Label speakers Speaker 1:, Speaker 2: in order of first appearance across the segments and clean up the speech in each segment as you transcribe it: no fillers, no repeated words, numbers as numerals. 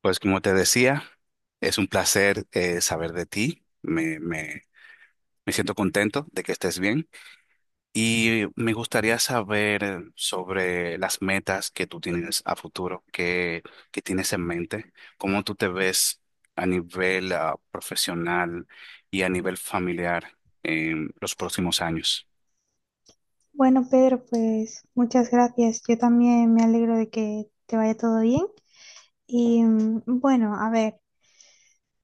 Speaker 1: Pues como te decía, es un placer, saber de ti. Me siento contento de que estés bien y me gustaría saber sobre las metas que tú tienes a futuro, qué tienes en mente, cómo tú te ves a nivel profesional y a nivel familiar en los próximos años.
Speaker 2: Bueno, Pedro, pues muchas gracias. Yo también me alegro de que te vaya todo bien. Y bueno, a ver,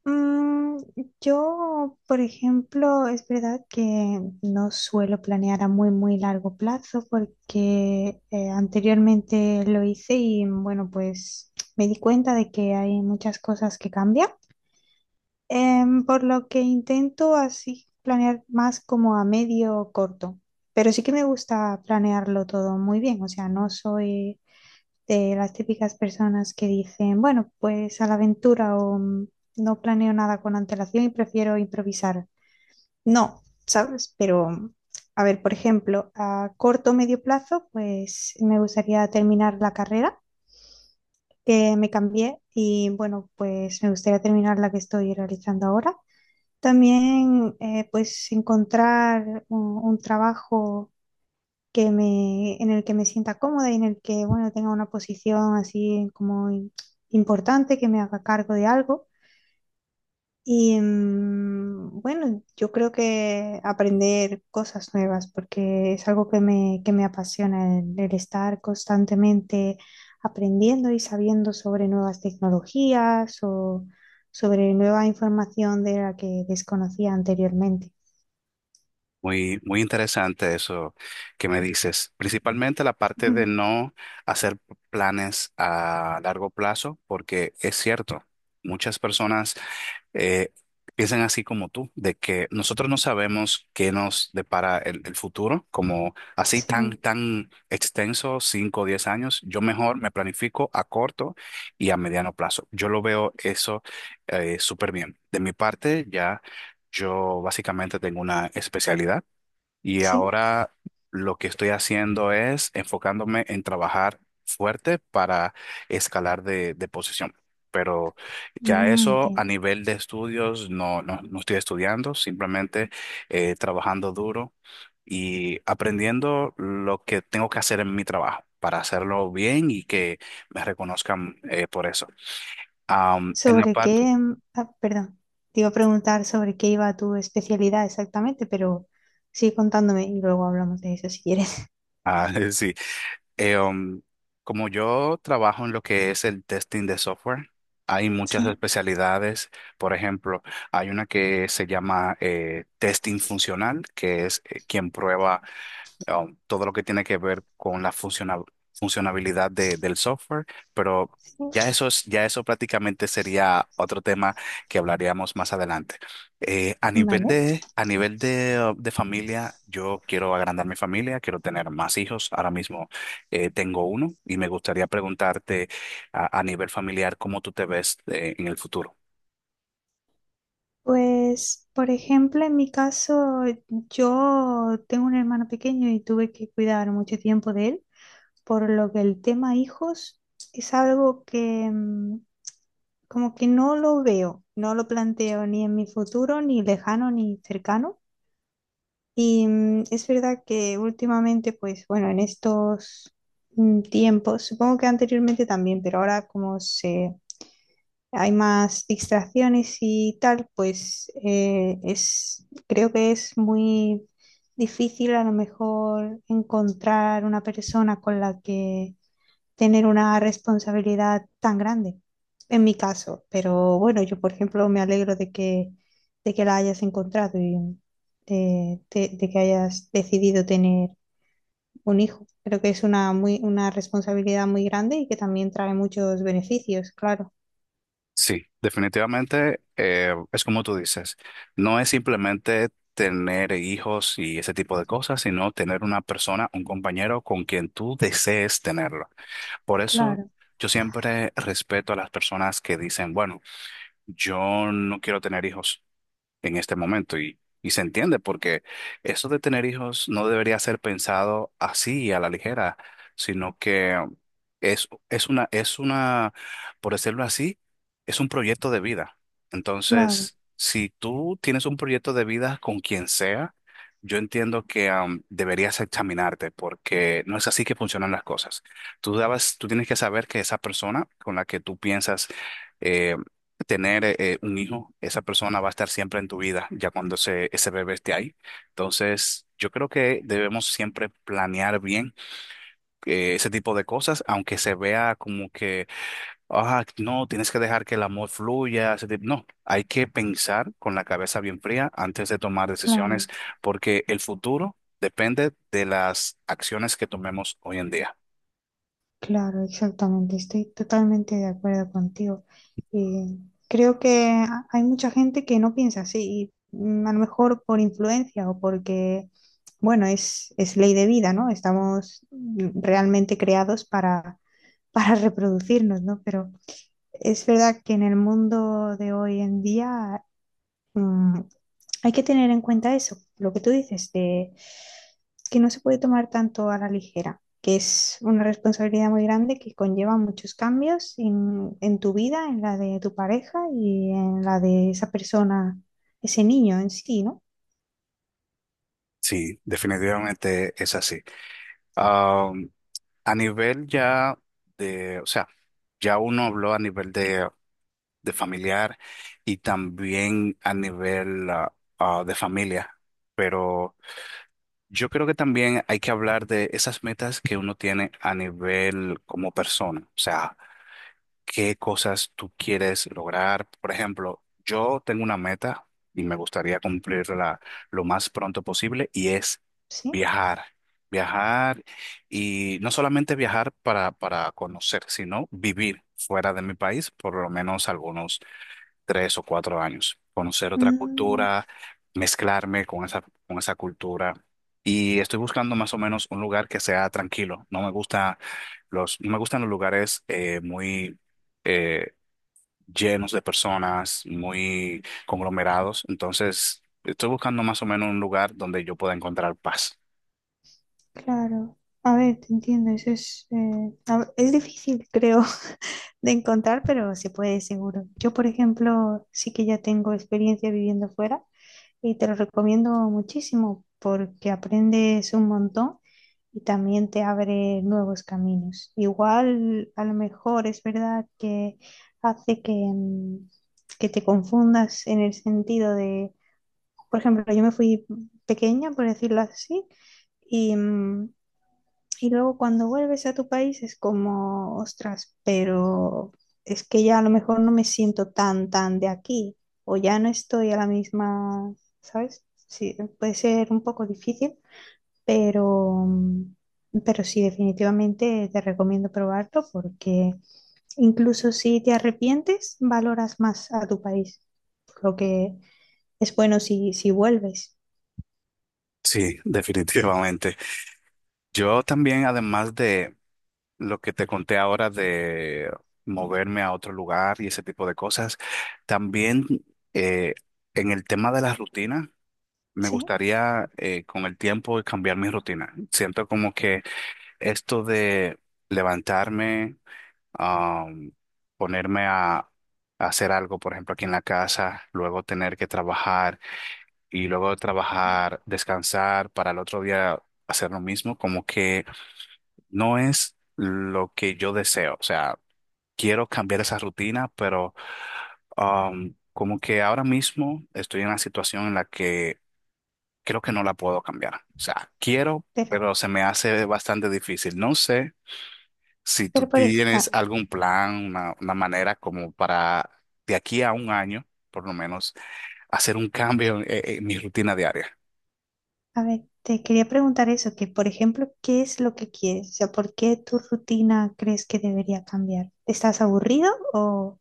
Speaker 2: mm, yo, por ejemplo, es verdad que no suelo planear a muy, muy largo plazo porque anteriormente lo hice y bueno, pues me di cuenta de que hay muchas cosas que cambian. Por lo que intento así planear más como a medio o corto, pero sí que me gusta planearlo todo muy bien, o sea, no soy de las típicas personas que dicen, bueno, pues a la aventura o, no planeo nada con antelación y prefiero improvisar. No, ¿sabes? Pero, a ver, por ejemplo, a corto o medio plazo, pues me gustaría terminar la carrera que me cambié y bueno, pues me gustaría terminar la que estoy realizando ahora. También, pues, encontrar un trabajo que me, en el que me sienta cómoda y en el que, bueno, tenga una posición así como importante, que me haga cargo de algo. Y bueno, yo creo que aprender cosas nuevas, porque es algo que me apasiona, el estar constantemente aprendiendo y sabiendo sobre nuevas tecnologías o sobre nueva información de la que desconocía anteriormente.
Speaker 1: Muy, muy interesante eso que me dices. Principalmente la parte de
Speaker 2: Ujú.
Speaker 1: no hacer planes a largo plazo, porque es cierto, muchas personas eh, piensan así como tú, de que nosotros no sabemos qué nos depara el futuro, como así tan,
Speaker 2: Sí,
Speaker 1: tan extenso, 5 o 10 años. Yo mejor me planifico a corto y a mediano plazo. Yo lo veo eso súper bien. De mi parte, ya yo básicamente tengo una especialidad y
Speaker 2: sí.
Speaker 1: ahora lo que estoy haciendo es enfocándome en trabajar fuerte para escalar de posición. Pero ya
Speaker 2: Mm,
Speaker 1: eso a
Speaker 2: entiendo.
Speaker 1: nivel de estudios no, no, no estoy estudiando, simplemente trabajando duro y aprendiendo lo que tengo que hacer en mi trabajo para hacerlo bien y que me reconozcan, por eso. En la
Speaker 2: ¿Sobre
Speaker 1: parte,
Speaker 2: qué? Perdón, te iba a preguntar sobre qué iba tu especialidad exactamente, pero sigue contándome y luego hablamos de eso si quieres.
Speaker 1: sí. Eh, um, Como yo trabajo en lo que es el testing de software, hay muchas
Speaker 2: Sí,
Speaker 1: especialidades. Por ejemplo, hay una que se llama, testing funcional, que es, quien prueba todo lo que tiene que ver con la funcionabilidad del software, pero
Speaker 2: sí,
Speaker 1: ya eso es, ya eso prácticamente sería otro tema que hablaríamos más adelante. Eh, a nivel
Speaker 2: vale.
Speaker 1: de, a nivel de, uh, de familia, yo quiero agrandar mi familia, quiero tener más hijos. Ahora mismo, tengo uno y me gustaría preguntarte a nivel familiar cómo tú te ves en el futuro.
Speaker 2: Pues, por ejemplo, en mi caso, yo tengo un hermano pequeño y tuve que cuidar mucho tiempo de él, por lo que el tema hijos es algo que como que no lo veo, no lo planteo ni en mi futuro, ni lejano, ni cercano. Y es verdad que últimamente, pues bueno, en estos tiempos, supongo que anteriormente también, pero ahora como se hay más distracciones y tal, pues es, creo que es muy difícil a lo mejor encontrar una persona con la que tener una responsabilidad tan grande, en mi caso. Pero bueno, yo, por ejemplo, me alegro de que la hayas encontrado y de, de que hayas decidido tener un hijo. Creo que es una, muy, una responsabilidad muy grande y que también trae muchos beneficios, claro.
Speaker 1: Sí, definitivamente, es como tú dices, no es simplemente tener hijos y ese tipo de cosas, sino tener una persona, un compañero con quien tú desees tenerlo. Por eso
Speaker 2: Claro,
Speaker 1: yo siempre respeto a las personas que dicen, bueno, yo no quiero tener hijos en este momento, y se entiende porque eso de tener hijos no debería ser pensado así a la ligera, sino que es una, por decirlo así, es un proyecto de vida.
Speaker 2: claro,
Speaker 1: Entonces, si tú tienes un proyecto de vida con quien sea, yo entiendo que, deberías examinarte porque no es así que funcionan las cosas. Tú tienes que saber que esa persona con la que tú piensas eh, tener, un hijo, esa persona va a estar siempre en tu vida, ya cuando ese bebé esté ahí. Entonces, yo creo que debemos siempre planear bien, ese tipo de cosas, aunque se vea como que, ah, no, tienes que dejar que el amor fluya, ese tipo... No, hay que pensar con la cabeza bien fría antes de tomar
Speaker 2: claro.
Speaker 1: decisiones, porque el futuro depende de las acciones que tomemos hoy en día.
Speaker 2: Claro, exactamente. Estoy totalmente de acuerdo contigo. Eh, Creo que hay mucha gente que no piensa así, y, a lo mejor por influencia o porque, bueno, es ley de vida, ¿no? Estamos realmente creados para, para reproducirnos, ¿no? Pero es verdad que en el mundo de hoy en día, mm, hay que tener en cuenta eso, lo que tú dices, de que no se puede tomar tanto a la ligera, que es una responsabilidad muy grande que conlleva muchos cambios en tu vida, en la de tu pareja y en la de esa persona, ese niño en sí, ¿no?
Speaker 1: Sí, definitivamente es así. A nivel ya de, o sea, ya uno habló a nivel de familiar y también a nivel de familia, pero yo creo que también hay que hablar de esas metas que uno tiene a nivel como persona, o sea, qué cosas tú quieres lograr. Por ejemplo, yo tengo una meta y me gustaría cumplirla lo más pronto posible y es
Speaker 2: Sí.
Speaker 1: viajar. Viajar y no solamente viajar para conocer, sino vivir fuera de mi país por lo menos algunos tres o cuatro años, conocer otra
Speaker 2: Mm,
Speaker 1: cultura, mezclarme con esa cultura. Y estoy buscando más o menos un lugar que sea tranquilo. No me gustan los lugares, muy, eh, llenos de personas, muy conglomerados. Entonces, estoy buscando más o menos un lugar donde yo pueda encontrar paz.
Speaker 2: claro. A ver, te entiendes, es, es difícil, creo, de encontrar, pero se puede seguro. Yo, por ejemplo, sí que ya tengo experiencia viviendo fuera. Y te lo recomiendo muchísimo porque aprendes un montón y también te abre nuevos caminos. Igual, a lo mejor es verdad que hace que, que te confundas en el sentido de, por ejemplo, yo me fui pequeña, por decirlo así, y y luego cuando vuelves a tu país es como, ostras, pero es que ya a lo mejor no me siento tan, tan de aquí, o ya no estoy a la misma, ¿sabes? Sí, puede ser un poco difícil, pero pero sí, definitivamente te recomiendo probarlo porque incluso si te arrepientes, valoras más a tu país, por lo que es bueno si, si vuelves.
Speaker 1: Sí, definitivamente. Yo también, además de lo que te conté ahora de moverme a otro lugar y ese tipo de cosas. También, eh, en el tema de la rutina, me
Speaker 2: ¿Sí?
Speaker 1: gustaría, con el tiempo cambiar mi rutina. Siento como que esto de levantarme, am, ponerme a hacer algo, por ejemplo, aquí en la casa, luego tener que trabajar y luego de trabajar, descansar para el otro día hacer lo mismo, como que no es lo que yo deseo. O sea, quiero cambiar esa rutina, pero, como que ahora mismo estoy en una situación en la que creo que no la puedo cambiar. O sea, quiero,
Speaker 2: Pero,
Speaker 1: pero se me hace bastante difícil. No sé si tú
Speaker 2: pero por, e-,
Speaker 1: tienes
Speaker 2: ah,
Speaker 1: algún plan, una manera como para de aquí a un año, por lo menos, hacer un cambio en mi rutina diaria.
Speaker 2: A ver, te quería preguntar eso, que por ejemplo, ¿qué es lo que quieres? O sea, ¿por qué tu rutina crees que debería cambiar? ¿Estás aburrido o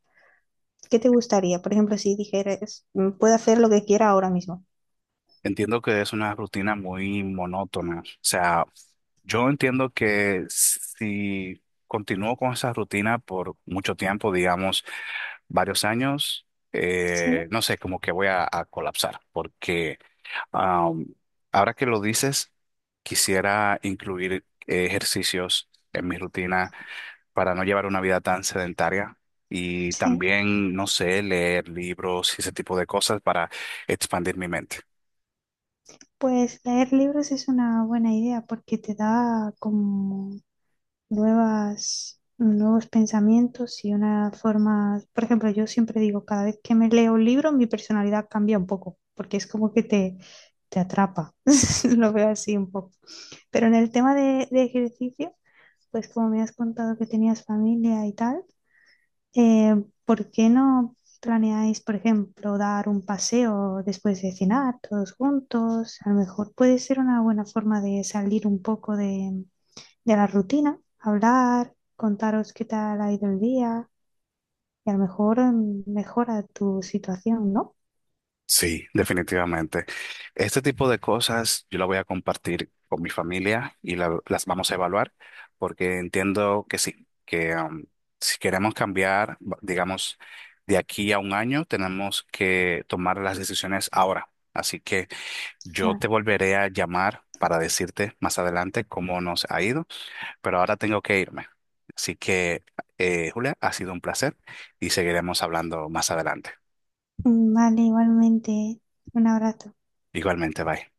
Speaker 2: qué te gustaría? Por ejemplo, si dijeras, "Mm, puedo hacer lo que quiera ahora mismo".
Speaker 1: Entiendo que es una rutina muy monótona. O sea, yo entiendo que si continúo con esa rutina por mucho tiempo, digamos varios años,
Speaker 2: Sí,
Speaker 1: no sé, como que voy a colapsar. Porque, am, ahora que lo dices, quisiera incluir, ejercicios en mi rutina para no llevar una vida tan sedentaria. Y
Speaker 2: sí.
Speaker 1: también, no sé, leer libros y ese tipo de cosas para expandir mi mente.
Speaker 2: Pues leer libros es una buena idea porque te da como nuevas, nuevos pensamientos y una forma, por ejemplo, yo siempre digo, cada vez que me leo un libro, mi personalidad cambia un poco, porque es como que te atrapa, lo veo así un poco. Pero en el tema de ejercicio, pues como me has contado que tenías familia y tal, eh, ¿por qué no planeáis, por ejemplo, dar un paseo después de cenar todos juntos? A lo mejor puede ser una buena forma de salir un poco de la rutina, hablar, contaros qué tal ha ido el día y a lo mejor mejora tu situación, ¿no?
Speaker 1: Sí, definitivamente. Este tipo de cosas yo la voy a compartir con mi familia y las vamos a evaluar porque entiendo que sí, que, si queremos cambiar, digamos, de aquí a un año, tenemos que tomar las decisiones ahora. Así que yo
Speaker 2: Claro.
Speaker 1: te volveré a llamar para decirte más adelante cómo nos ha ido, pero ahora tengo que irme. Así que, Julia, ha sido un placer y seguiremos hablando más adelante.
Speaker 2: Mm, vale, igualmente. Un abrazo.
Speaker 1: Igualmente, bye.